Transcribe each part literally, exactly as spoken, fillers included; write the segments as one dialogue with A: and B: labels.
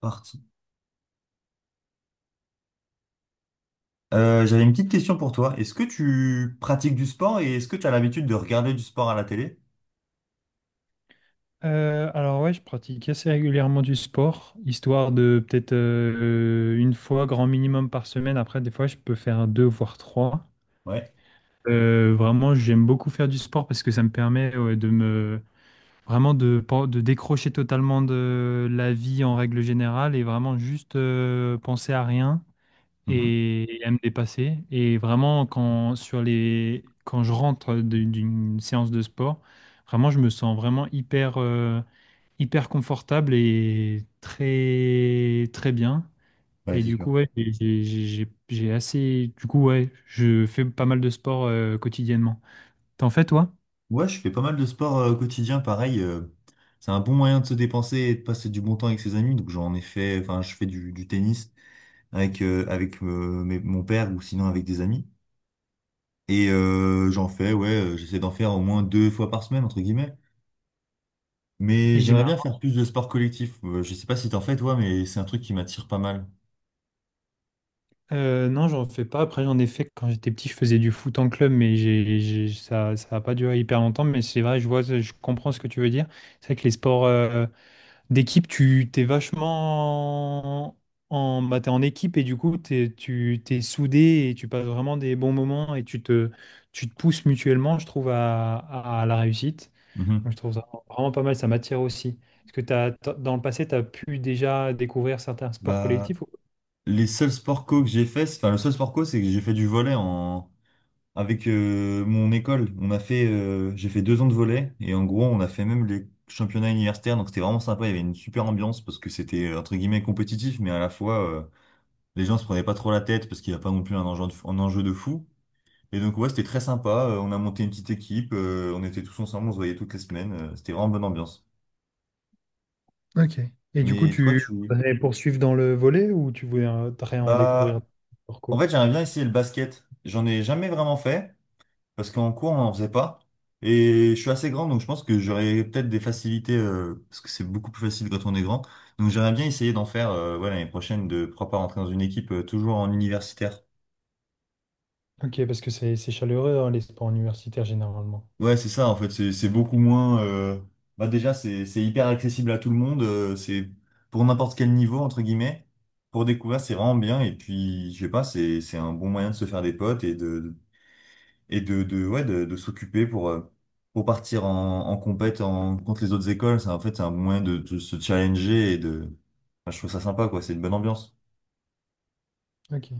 A: Parti. Euh, j'avais une petite question pour toi. Est-ce que tu pratiques du sport et est-ce que tu as l'habitude de regarder du sport à la télé?
B: Euh, alors ouais, je pratique assez régulièrement du sport, histoire de peut-être euh, une fois grand minimum par semaine. Après, des fois, je peux faire deux voire trois.
A: Ouais.
B: Euh, vraiment, j'aime beaucoup faire du sport parce que ça me permet ouais, de me vraiment de, pen- de décrocher totalement de la vie en règle générale et vraiment juste euh, penser à rien
A: Mhm.
B: et à me dépasser. Et vraiment, quand, sur les, quand je rentre d'une d'une séance de sport, vraiment, je me sens vraiment hyper, euh, hyper confortable et très, très bien.
A: Ouais,
B: Et
A: c'est
B: du
A: sûr.
B: coup, ouais, j'ai j'ai- j'ai- j'ai assez. Du coup, ouais, je fais pas mal de sport euh, quotidiennement. T'en fais, toi?
A: Ouais, je fais pas mal de sport euh, quotidien, pareil. Euh, c'est un bon moyen de se dépenser et de passer du bon temps avec ses amis. Donc j'en ai fait, enfin je fais du, du tennis avec, euh, avec euh, mes- mon père ou sinon avec des amis. Et euh, j'en fais, ouais, euh, j'essaie d'en faire au moins deux fois par semaine, entre guillemets. Mais
B: Et
A: j'aimerais bien faire plus de sport collectif. Euh, je sais pas si t'en fais toi, mais c'est un truc qui m'attire pas mal.
B: Euh, non, j'en fais pas. Après, j'en ai fait quand j'étais petit, je faisais du foot en club, mais j'ai, j'ai- ça, ça a pas duré hyper longtemps. Mais c'est vrai, je vois, je comprends ce que tu veux dire. C'est vrai que les sports euh, d'équipe, tu t'es vachement en, bah, t'es en équipe et du coup, t'es, tu t'es soudé et tu passes vraiment des bons moments et tu te, tu te pousses mutuellement, je trouve, à, à à la réussite. Donc,
A: Mhm.
B: je trouve ça vraiment pas mal. Ça m'attire aussi. Est-ce que t'as, t'as- dans le passé, tu as pu déjà découvrir certains sports
A: Bah,
B: collectifs?
A: les seuls sports co que j'ai fait, c'est- enfin le seul sport co, c'est que j'ai fait du volley en avec euh, mon école. On a fait, euh, j'ai fait deux ans de volley et en gros on a fait même les championnats universitaires. Donc c'était vraiment sympa. Il y avait une super ambiance parce que c'était euh, entre guillemets compétitif, mais à la fois euh, les gens se prenaient pas trop la tête parce qu'il n'y a pas non plus un enjeu de, fou- un enjeu de fou. Et donc ouais, c'était très sympa. Euh, On a monté une petite équipe. Euh, on était tous ensemble. On se voyait toutes les semaines. Euh, c'était vraiment bonne ambiance.
B: Ok. Et du coup,
A: Mais toi,
B: tu
A: tu,
B: voudrais poursuivre dans le volet ou tu voudrais en découvrir
A: bah
B: d'autres
A: en
B: parcours?
A: fait j'aimerais bien essayer le basket. J'en ai jamais vraiment fait, parce qu'en cours, on n'en faisait pas. Et je suis assez grand, donc je pense que j'aurais peut-être des facilités, euh, parce que c'est beaucoup plus facile quand on est grand. Donc j'aimerais bien essayer d'en faire euh, ouais, l'année prochaine, de pourquoi pas rentrer dans une équipe euh, toujours en universitaire.
B: Ok, parce que c'est c'est chaleureux, hein, les sports universitaires généralement.
A: Ouais, c'est ça, en fait, c'est c'est beaucoup moins... euh, Bah déjà, c'est c'est hyper accessible à tout le monde, euh, c'est pour n'importe quel niveau, entre guillemets. Pour découvrir, c'est vraiment bien, et puis, je sais pas, c'est c'est un bon moyen de se faire des potes et de, et de, de, ouais, de, de s'occuper pour, euh, pour partir en, en compète en, contre les autres écoles. C'est, en fait, c'est un bon moyen de, de se challenger et de. Enfin, je trouve ça sympa, quoi. C'est une bonne ambiance.
B: Ok.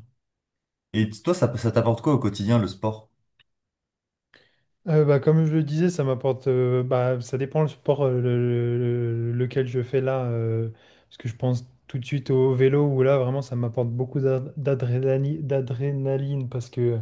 A: Et t- toi, ça, ça t'apporte quoi au quotidien, le sport?
B: Euh, bah, comme je le disais, ça m'apporte. euh, bah, ça dépend le sport euh, le- le- lequel je fais là. euh, parce que je pense tout de suite au vélo où là, vraiment, ça m'apporte beaucoup d'ad- d'adrénaline, d'adrénaline. Parce que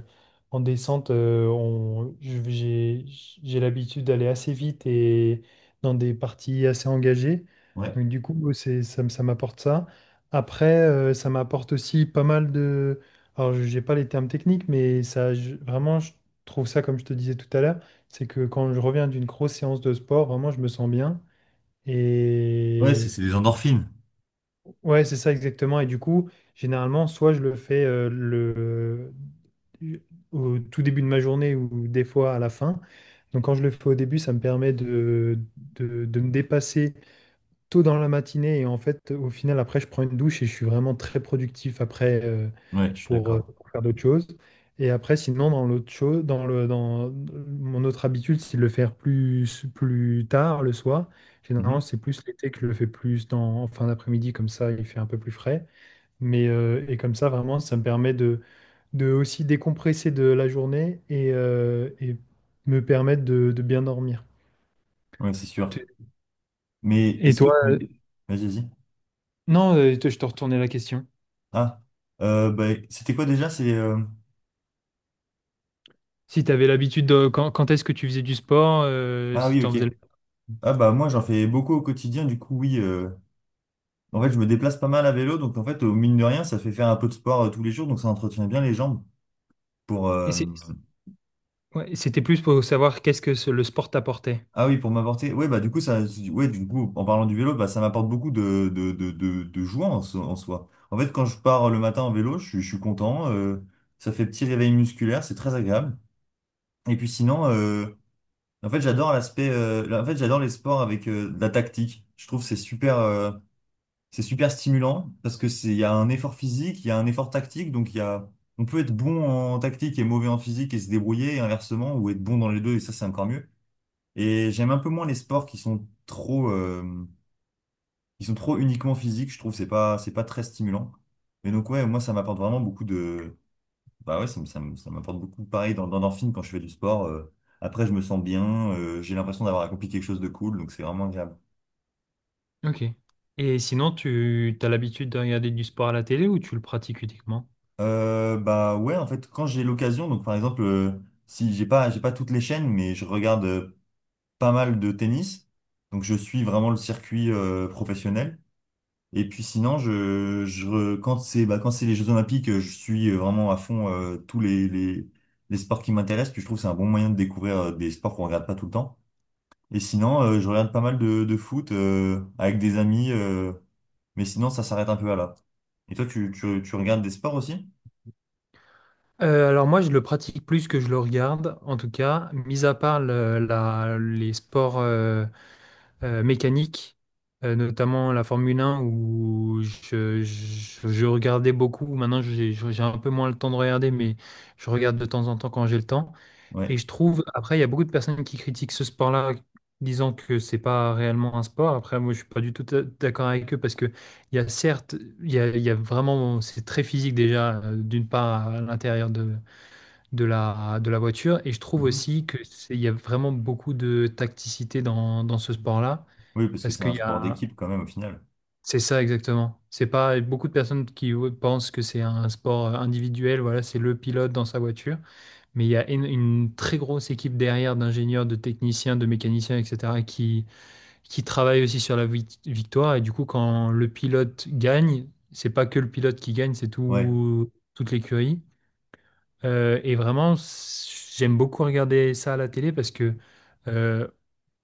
B: en descente, euh, on- je- j'ai j'ai l'habitude d'aller assez vite et dans des parties assez engagées.
A: Ouais.
B: Donc, du coup, c'est, ça, me- ça m'apporte ça. Après, euh, ça m'apporte aussi pas mal de. Alors, j'ai pas les termes techniques, mais ça, je- vraiment. je trouve ça, comme je te disais tout à l'heure, c'est que quand je reviens d'une grosse séance de sport, vraiment, je me sens bien.
A: Ouais, c'est
B: Et
A: c'est des endorphines.
B: ouais, c'est ça exactement. Et du coup, généralement, soit je le fais euh, le... au tout début de ma journée ou des fois à la fin. Donc quand je le fais au début, ça me permet de, de, de me dépasser tôt dans la matinée et en fait, au final, après, je prends une douche et je suis vraiment très productif après euh,
A: Ouais, je suis
B: pour, euh,
A: d'accord.
B: pour faire d'autres choses. Et après, sinon, dans l'autre chose, dans le, dans mon autre habitude, c'est de le faire plus, plus tard le soir. Généralement,
A: Mhm.
B: c'est plus l'été que je le fais plus dans, en fin d'après-midi, comme ça, il fait un peu plus frais. Mais, euh, et comme ça, vraiment, ça me permet de, de aussi décompresser de la journée et, euh, et me permettre de, de bien dormir.
A: Ouais, c'est sûr. Mais
B: Et
A: est-ce que
B: toi, euh,
A: tu. Vas-y, vas-y.
B: non, euh, je te retournais la question.
A: Ah, euh, bah, c'était quoi déjà? C'est. euh,
B: Si tu avais l'habitude de quand, quand est-ce que tu faisais du sport, euh,
A: Ah
B: si
A: oui,
B: tu en
A: ok.
B: faisais le-
A: Ah bah moi j'en fais beaucoup au quotidien, du coup oui, euh, en fait, je me déplace pas mal à vélo, donc en fait, au mine de rien, ça fait faire un peu de sport euh, tous les jours, donc ça entretient bien les jambes pour.
B: Et
A: euh,
B: c'est- ouais, c'était plus pour savoir qu'est-ce que ce- le sport t'apportait.
A: Ah oui, pour m'apporter. Oui, bah du coup, ça, ouais, du coup, en parlant du vélo, bah ça m'apporte beaucoup de de de de, de joie en, so- en soi. En fait, quand je pars le matin en vélo, je suis je suis content. Euh, ça fait petit réveil musculaire, c'est très agréable. Et puis sinon, euh, en fait, j'adore l'aspect. Euh, là, en fait, j'adore les sports avec euh, de la tactique. Je trouve que c'est super. euh, C'est super stimulant parce que c'est, il y a un effort physique, il y a un effort tactique, donc il y a, on peut être bon en tactique et mauvais en physique et se débrouiller et inversement ou être bon dans les deux et ça c'est encore mieux. Et j'aime un peu moins les sports qui sont trop, euh, qui sont trop uniquement physiques. Je trouve que c'est pas, c'est pas très stimulant. Mais donc ouais, moi ça m'apporte vraiment beaucoup de, bah ouais, ça, me- ça, me- ça m'apporte beaucoup. Pareil dans, dans l'endorphine quand je fais du sport. Euh, après je me sens bien, euh, j'ai l'impression d'avoir accompli quelque chose de cool, donc c'est vraiment agréable.
B: Ok. Et sinon, tu as l'habitude de regarder du sport à la télé ou tu le pratiques uniquement?
A: Euh, bah ouais, en fait, quand j'ai l'occasion, donc par exemple, euh, si j'ai pas, j'ai pas toutes les chaînes, mais je regarde euh, pas mal de tennis, donc je suis vraiment le circuit euh, professionnel. Et puis sinon, je, je re- quand c'est bah, quand c'est les Jeux Olympiques, euh, je suis euh, vraiment à fond euh, tous les, les, les sports qui m'intéressent. Puis je trouve que c'est un bon moyen de découvrir euh, des sports qu'on regarde pas tout le temps. Et sinon, euh, je regarde pas mal de, de foot euh, avec des amis, euh, mais sinon ça s'arrête un peu à là. Et toi, tu, tu, tu regardes des sports aussi?
B: Euh, alors moi, je le pratique plus que je le regarde, en tout cas, mis à part le- la- les sports euh, mécanique, euh, notamment la Formule un où je, je- je regardais beaucoup. Maintenant, j'ai j'ai un peu moins le temps de regarder, mais je regarde de temps en temps quand j'ai le temps. Et
A: Ouais.
B: je trouve, après, il y a beaucoup de personnes qui critiquent ce sport-là, disant que c'est pas réellement un sport. Après, moi, je suis pas du tout d'accord avec eux parce que il y a certes, il y a, il y a vraiment, c'est très physique déjà, euh, d'une part à l'intérieur de, de la, de la voiture. Et je trouve aussi que c'est- il y a vraiment beaucoup de tacticité dans, dans ce sport-là.
A: Oui, parce que
B: Parce
A: c'est
B: qu'il
A: un
B: y
A: sport
B: a...
A: d'équipe quand même au final.
B: C'est ça exactement. C'est pas beaucoup de personnes qui pensent que c'est un sport euh, individuel, voilà, c'est le pilote dans sa voiture, mais il y a une, une très grosse équipe derrière d'ingénieurs, de techniciens, de mécaniciens, et cetera, qui, qui travaillent aussi sur la vic- victoire. Et du coup, quand le pilote gagne, c'est pas que le pilote qui gagne, c'est
A: Ouais,
B: tout, toute l'écurie. Euh, et vraiment, c- j'aime beaucoup regarder ça à la télé parce que euh,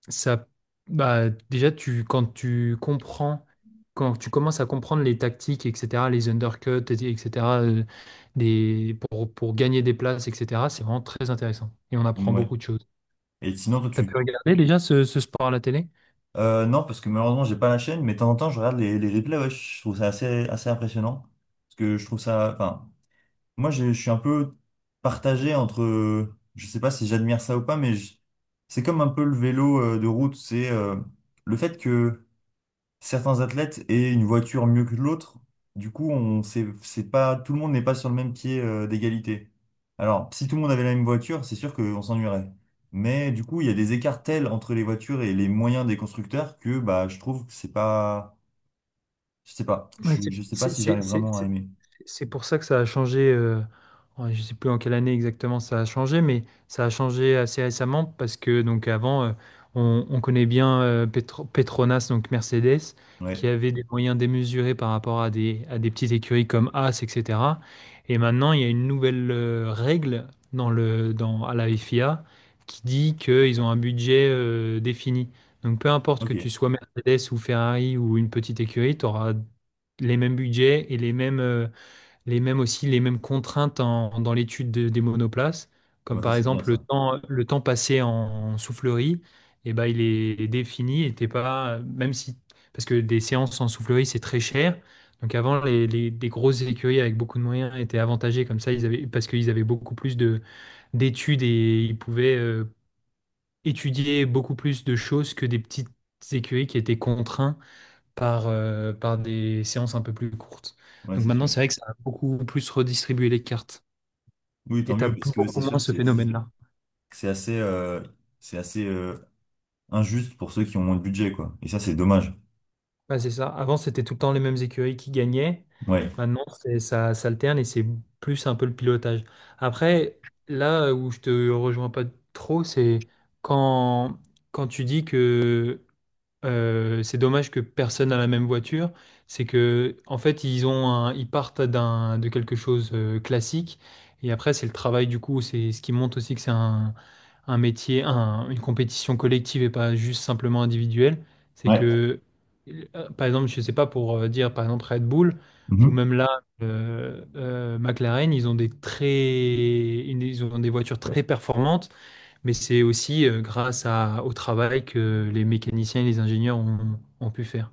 B: ça, bah, déjà, tu, quand tu comprends, quand tu commences à comprendre les tactiques, et cetera, les undercuts, et cetera, euh, des, pour, pour gagner des places, et cetera, c'est vraiment très intéressant. Et on apprend
A: ouais.
B: beaucoup de choses.
A: Et sinon, toi,
B: T'as pu
A: tu...
B: regarder déjà ce, ce sport à la télé?
A: Euh, non, parce que malheureusement, j'ai pas la chaîne, mais de temps en temps, je regarde les, les replays, ouais, je trouve ça assez, assez impressionnant. Parce que je trouve ça... Enfin, moi, j'ai- je suis un peu partagé entre... Je sais pas si j'admire ça ou pas, mais je- c'est comme un peu le vélo euh, de route. C'est euh, le fait que... certains athlètes aient une voiture mieux que l'autre. Du coup, on c'est c'est pas tout le monde n'est pas sur le même pied euh, d'égalité. Alors, si tout le monde avait la même voiture, c'est sûr qu'on s'ennuierait. Mais du coup, il y a des écarts tels entre les voitures et les moyens des constructeurs que bah je trouve que c'est pas je sais pas,
B: Ouais,
A: je,
B: c'est
A: je sais pas si
B: c'est-
A: j'arrive
B: c'est-
A: vraiment à
B: c'est-
A: aimer.
B: C'est pour ça que ça a changé, euh, ouais, je sais plus en quelle année exactement ça a changé, mais ça a changé assez récemment parce que donc avant, euh, on, on connaît bien euh, Petro- Petronas, donc Mercedes, qui
A: Ouais.
B: avait des moyens démesurés par rapport à des, à des petites écuries comme As, et cetera. Et maintenant, il y a une nouvelle euh, règle dans le, dans, à la F I A qui dit qu'ils ont un budget euh, défini. Donc peu importe que tu
A: OK.
B: sois Mercedes ou Ferrari ou une petite écurie, tu auras les mêmes budgets et les mêmes... euh, les mêmes aussi, les mêmes contraintes en- dans l'étude de- des monoplaces,
A: Ah
B: comme
A: bah ça
B: par
A: c'est bien
B: exemple le
A: ça.
B: temps, le temps passé en soufflerie, et ben, il est défini et t'es pas, même si, parce que des séances en soufflerie, c'est très cher. Donc avant, les, les- des grosses écuries avec beaucoup de moyens étaient avantagées comme ça, ils avaient, parce qu'ils avaient beaucoup plus de, d'études et ils pouvaient euh, étudier beaucoup plus de choses que des petites écuries qui étaient contraintes par, euh, par des séances un peu plus courtes.
A: Ouais,
B: Donc
A: c'est
B: maintenant,
A: sûr.
B: c'est vrai que ça a beaucoup plus redistribué les cartes.
A: Oui,
B: Et
A: tant
B: t'as
A: mieux parce
B: plus-
A: que
B: beaucoup
A: c'est sûr
B: moins
A: que
B: ce
A: c'est
B: phénomène-là.
A: que c'est assez euh, c'est assez euh, injuste pour ceux qui ont moins de budget quoi. Et ça c'est dommage.
B: Bah, c'est ça. Avant, c'était tout le temps les mêmes écuries qui gagnaient.
A: Ouais.
B: Maintenant, c'est, ça s'alterne et c'est plus un peu le pilotage. Après, là euh, où je te rejoins pas trop, c'est quand, quand tu dis que Euh, c'est dommage que personne n'a la même voiture. C'est que, en fait, ils ont un- ils partent d'un, de quelque chose euh, classique. Et après, c'est le travail, du coup. C'est ce qui montre aussi que c'est un, un métier, un- une compétition collective et pas juste simplement individuelle. C'est
A: Ouais.
B: que, euh, par exemple, je sais pas pour euh, dire, par exemple, Red Bull ou même là, euh, euh, McLaren, ils ont des très, une- ils ont des voitures très performantes mais c'est aussi euh, grâce à- au travail que les mécaniciens et les ingénieurs ont, ont pu faire.